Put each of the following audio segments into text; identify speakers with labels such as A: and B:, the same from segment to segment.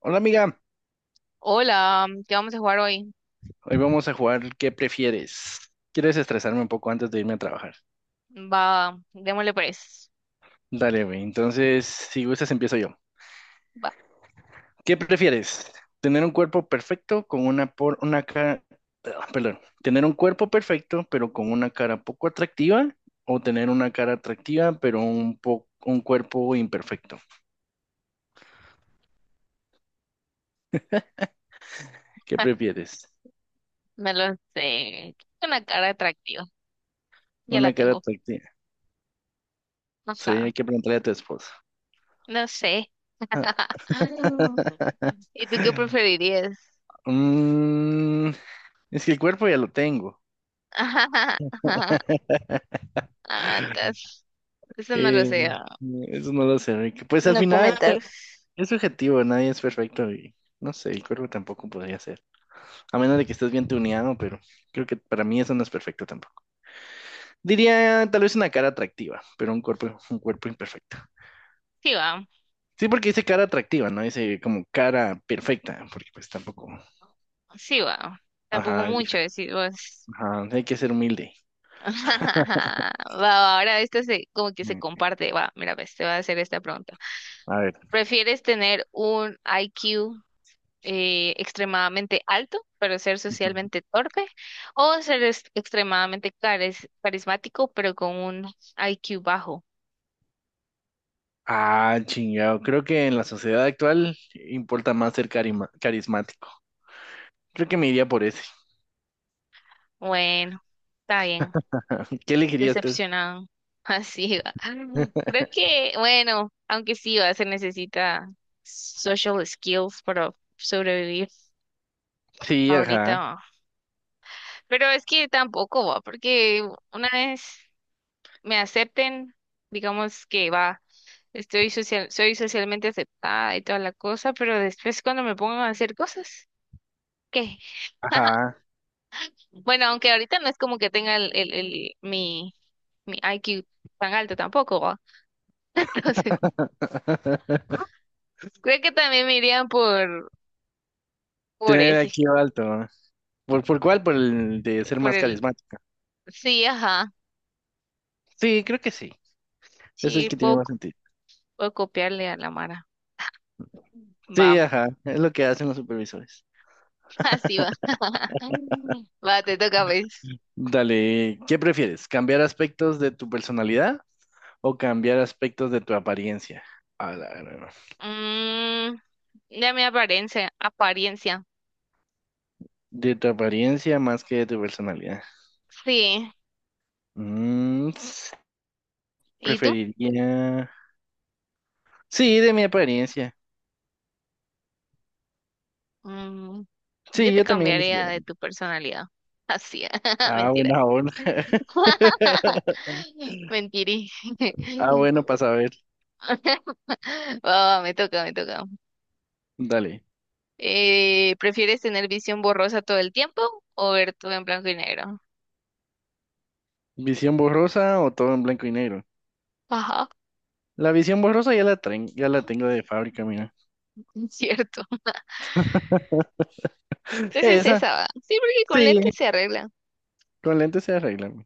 A: Hola, amiga,
B: Hola, ¿qué vamos a jugar hoy?
A: hoy vamos a jugar ¿qué prefieres? Quiero desestresarme un poco antes de irme a trabajar.
B: Va, démosle pues.
A: Dale, güey. Entonces, si gustas, empiezo yo.
B: Va,
A: ¿Qué prefieres? ¿Tener un cuerpo perfecto con una por una cara, ah, perdón, tener un cuerpo perfecto pero con una cara poco atractiva o tener una cara atractiva pero un cuerpo imperfecto? ¿Qué prefieres?
B: me lo sé. Una cara atractiva. Ya la
A: Una cara
B: tengo.
A: atractiva.
B: No sé.
A: Sí, hay que preguntarle a tu esposo.
B: No sé. Ah, ¿y tú qué preferirías?
A: Mm, es que el cuerpo ya lo tengo.
B: Antes. Eso no lo
A: Eh,
B: sé. Ah.
A: eso no lo sé, Rick. Pues al
B: No
A: final
B: comentar.
A: es subjetivo, nadie es perfecto y no sé, el cuerpo tampoco podría ser. A menos de que estés bien tuneado, pero creo que para mí eso no es perfecto tampoco. Diría tal vez una cara atractiva, pero un cuerpo imperfecto.
B: Sí va,
A: Sí, porque dice cara atractiva, no dice como cara perfecta, porque pues tampoco.
B: sí va. Tampoco
A: Ajá, es
B: mucho
A: diferente.
B: decir vos.
A: Ajá, hay que ser humilde.
B: Va, va, ahora esto se, como que se
A: Mm.
B: comparte. Va, mira, pues te voy a hacer esta pregunta.
A: A ver.
B: ¿Prefieres tener un IQ, extremadamente alto, pero ser
A: Ujú.
B: socialmente torpe, o ser extremadamente carismático, pero con un IQ bajo?
A: Ah, chingado. Creo que en la sociedad actual importa más ser carismático. Creo que me iría por ese.
B: Bueno, está bien,
A: ¿Qué elegirías tú?
B: decepcionado. Así va. Creo que, bueno, aunque sí va, se necesita social skills para sobrevivir
A: Sí,
B: ahorita.
A: ajá,
B: Va. Pero es que tampoco va, porque una vez me acepten, digamos que va. Estoy social, soy socialmente aceptada y toda la cosa, pero después cuando me pongan a hacer cosas, ¿qué?
A: ajá.
B: Bueno, aunque ahorita no es como que tenga mi IQ tan alto tampoco, ¿va? Entonces, creo que también me irían por
A: Tener
B: ese,
A: aquí alto. Por cuál? Por el de ser
B: por
A: más
B: el,
A: carismática.
B: sí, ajá,
A: Sí, creo que sí. Es el
B: sí,
A: que tiene
B: puedo,
A: más
B: c-
A: sentido.
B: puedo copiarle a la Mara.
A: Sí,
B: Va,
A: ajá. Es lo que hacen los supervisores.
B: así va. Va, te toca, pues.
A: Dale, ¿qué prefieres? ¿Cambiar aspectos de tu personalidad o cambiar aspectos de tu apariencia? A la gran.
B: Mm, ya mi apariencia, apariencia,
A: De tu apariencia más que de tu personalidad.
B: sí.
A: Mm,
B: ¿Y tú?
A: preferiría. Sí, de mi apariencia.
B: Mm, yo
A: Sí,
B: te
A: yo también elegiría.
B: cambiaría de tu personalidad. Así,
A: Ah,
B: mentira.
A: buena aún.
B: Mentirí.
A: Ah, bueno, para saber.
B: Ah, me toca, me toca.
A: Dale.
B: ¿Prefieres tener visión borrosa todo el tiempo o ver todo en blanco y negro?
A: ¿Visión borrosa o todo en blanco y negro?
B: Ajá,
A: La visión borrosa ya la tengo de fábrica, mira.
B: cierto. Entonces
A: Esa,
B: esa va. Sí, porque con
A: sí.
B: lentes se arregla.
A: Con lentes se arregla, güey.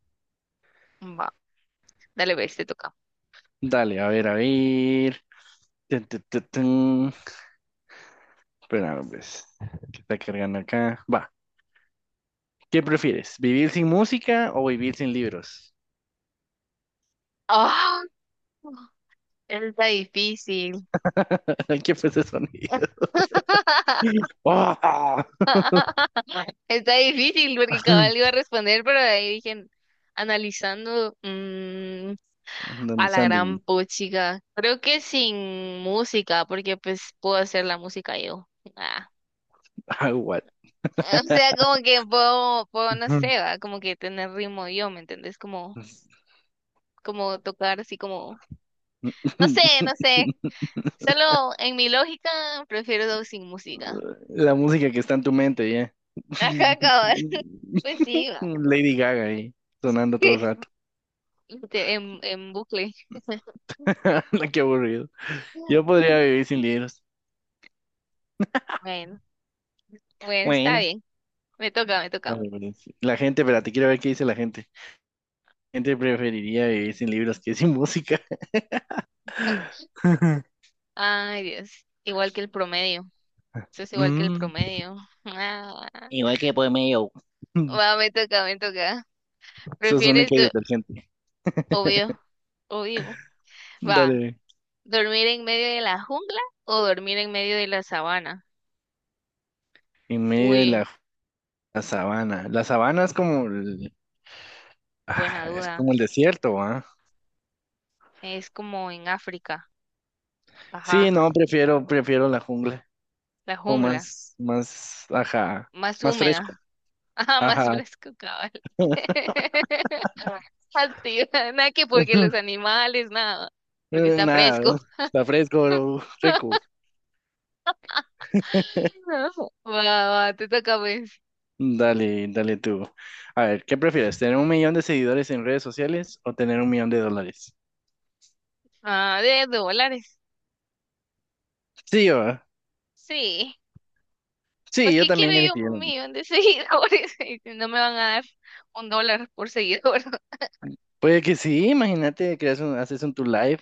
B: Va, dale, ves, te toca.
A: Dale, a ver, a ver. Tun, tun, tun, tun. Espera, pues. ¿Qué está cargando acá? Va. ¿Qué prefieres? ¿Vivir sin música o vivir sin libros?
B: Ah, está difícil.
A: ¿Qué fue ese sonido? ¡Oh!
B: Está difícil porque cabal iba a responder, pero de ahí dije, analizando a
A: Andan
B: la gran
A: Sandy.
B: puchica. Creo que sin música, porque pues puedo hacer la música yo. Ah.
A: Ah, what?
B: O sea, como que puedo, no sé, va, como que tener ritmo yo, ¿me entendés? Como, como tocar así como, no sé, no sé. Solo en mi lógica prefiero sin música.
A: La música que está en tu mente, ya.
B: Ajá, cabal. Pues sí, va.
A: Lady Gaga ahí, sonando todo el rato.
B: En bucle.
A: Qué aburrido. Yo podría vivir sin libros.
B: Bueno, bueno, está
A: Bueno,
B: bien. Me toca, me toca.
A: vale, vale, sí. La gente, espérate, quiero ver qué dice la gente. La gente preferiría vivir sin libros que sin música.
B: Ay, Dios. Igual que el promedio. Eso es igual que el
A: Mm,
B: promedio. Ah.
A: igual que por medio. Mm,
B: Va, me toca, me toca.
A: sos
B: ¿Prefieres,
A: única y detergente.
B: obvio, obvio. Va,
A: Dale.
B: ¿dormir en medio de la jungla o dormir en medio de la sabana?
A: En medio de
B: Uy,
A: la, la sabana. La sabana es como el,
B: buena
A: ah, es
B: duda.
A: como el desierto, ¿ah?
B: Es como en África.
A: Sí,
B: Ajá,
A: no, prefiero la jungla.
B: la
A: O
B: jungla.
A: más, más,
B: M-
A: ajá,
B: Más
A: más
B: húmeda.
A: fresco.
B: Ajá, más
A: Ajá.
B: fresco, cabal. Ah, sí, nada que porque los animales, nada. Porque está fresco.
A: Nada, está fresco, bro, rico.
B: No, va, va, te toca pues.
A: Dale, dale tú. A ver, ¿qué prefieres? ¿Tener un millón de seguidores en redes sociales o tener un millón de dólares?
B: Ah, de dólares.
A: Sí, yo, ah,
B: Sí. Pues
A: sí, yo
B: ¿qué quiero
A: también
B: yo
A: elegiría lo
B: un
A: mismo.
B: millón de seguidores? Y no me van a dar un dólar por seguidor.
A: Puede que sí, imagínate, creas un, haces un tu live.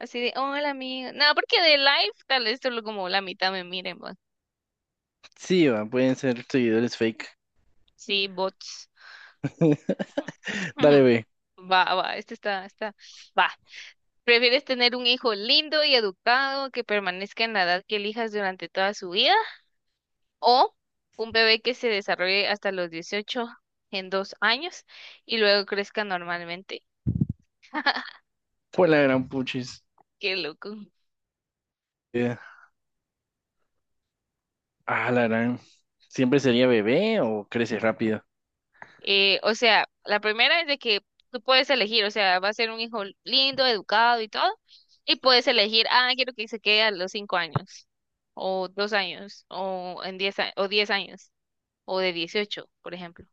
B: Así de, hola amigo. No, porque de live tal vez solo como la mitad me miren, va.
A: Sí, va, pueden ser seguidores fake.
B: Sí, bots.
A: Dale,
B: Ujú.
A: ve.
B: Va, va, este está. Va. ¿Prefieres tener un hijo lindo y educado que permanezca en la edad que elijas durante toda su vida, o un bebé que se desarrolle hasta los 18 en 2 años y luego crezca normalmente?
A: Pues la gran puchis.
B: Qué loco.
A: Eh, Ah, la gran. ¿Siempre sería bebé o crece rápido?
B: O sea, la primera es de que tú puedes elegir, o sea, va a ser un hijo lindo, educado y todo, y puedes elegir, ah, quiero que se quede a los 5 años, o 2 años, o en 10, o 10 años, o de 18 por ejemplo.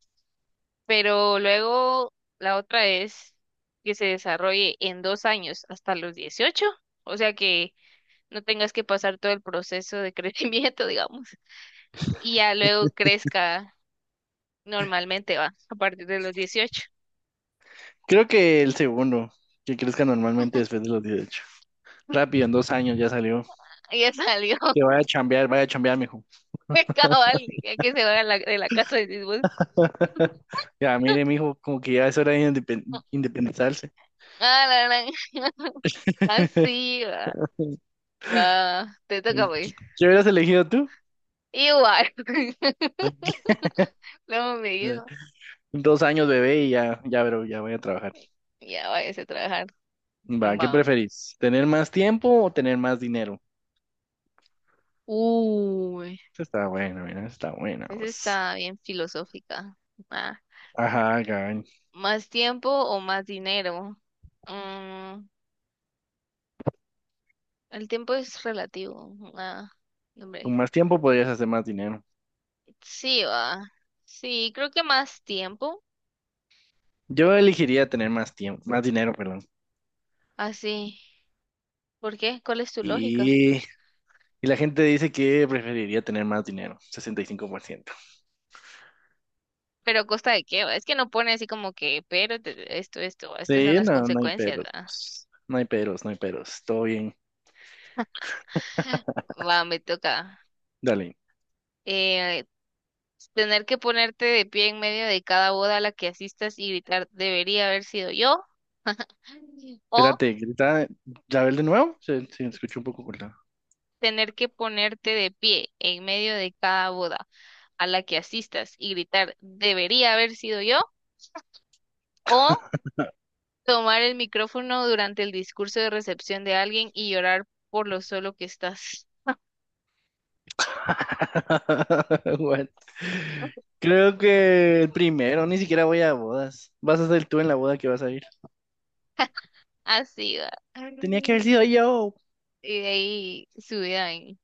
B: Pero luego la otra es que se desarrolle en 2 años hasta los 18, o sea que no tengas que pasar todo el proceso de crecimiento, digamos, y ya luego crezca normalmente, va, a partir de los 18.
A: Creo que el segundo, que crezca normalmente después de los 18. Rápido, en 2 años ya salió.
B: Ya salió,
A: Que vaya a chambear, mijo.
B: el cabal, ya que se va de la casa de sus
A: Ya, mire, mijo, como que ya es hora de independizarse.
B: Ah, la gran.
A: ¿Qué
B: Así va. Va, te toca pues.
A: hubieras elegido tú?
B: Igual. Luego me dijo,
A: Dos años, bebé, y ya, ya, bro, ya voy a trabajar.
B: ya váyase a trabajar.
A: Va, ¿qué
B: Va.
A: preferís? ¿Tener más tiempo o tener más dinero?
B: Uy,
A: Esa está bueno, mira, esa está buena,
B: esa
A: vos.
B: está bien filosófica. Ah,
A: Ajá, cabrón.
B: ¿más tiempo o más dinero? Mm, el tiempo es relativo. Ah, hombre.
A: Con más tiempo podrías hacer más dinero.
B: Sí, va. Sí, creo que más tiempo.
A: Yo elegiría tener más tiempo, más dinero, perdón.
B: Así. ¿Por qué? ¿Cuál es tu lógica?
A: Y la gente dice que preferiría tener más dinero, 65%.
B: ¿Pero a costa de qué, va? Es que no pone así como que, pero esto, va, estas son
A: Sí,
B: las
A: no, no hay
B: consecuencias.
A: peros,
B: Va,
A: pues. No hay peros, no hay peros. Todo bien.
B: Va, me toca.
A: Dale.
B: Eh, tener que ponerte de pie en medio de cada boda a la que asistas y gritar, debería haber sido yo. O
A: Espérate, grita. ¿La ves de nuevo? Se escuchó un poco cortado.
B: tener que ponerte de pie en medio de cada boda a la que asistas y gritar, debería haber sido yo, o tomar el micrófono durante el discurso de recepción de alguien y llorar por lo solo que estás.
A: What? Creo que el primero, ni siquiera voy a bodas. Vas a ser tú en la boda que vas a ir.
B: Así va.
A: Tenía que haber sido yo.
B: Y de ahí subida en,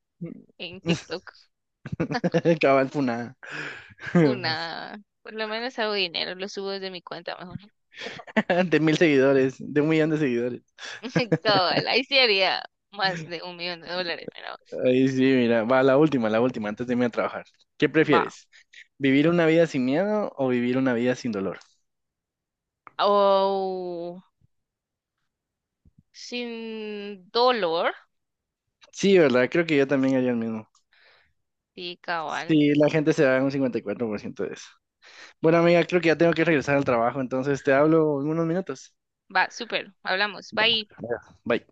B: en TikTok
A: Cabal funada.
B: una, por lo menos hago dinero, lo subo desde mi cuenta mejor.
A: De 1000 seguidores, de un millón de seguidores.
B: Cabal, ahí sí haría más de 1 millón de dólares, pero
A: Ahí sí, mira, va la última, antes de irme a trabajar. ¿Qué
B: va.
A: prefieres? ¿Vivir una vida sin miedo o vivir una vida sin dolor?
B: O sin dolor.
A: Sí, ¿verdad? Creo que yo también haría el mismo.
B: Sí, cabal.
A: Sí, la gente se da un 54% de eso. Bueno, amiga, creo que ya tengo que regresar al trabajo, entonces te hablo en unos minutos.
B: Va, súper. Hablamos. Bye.
A: Ya. Bye.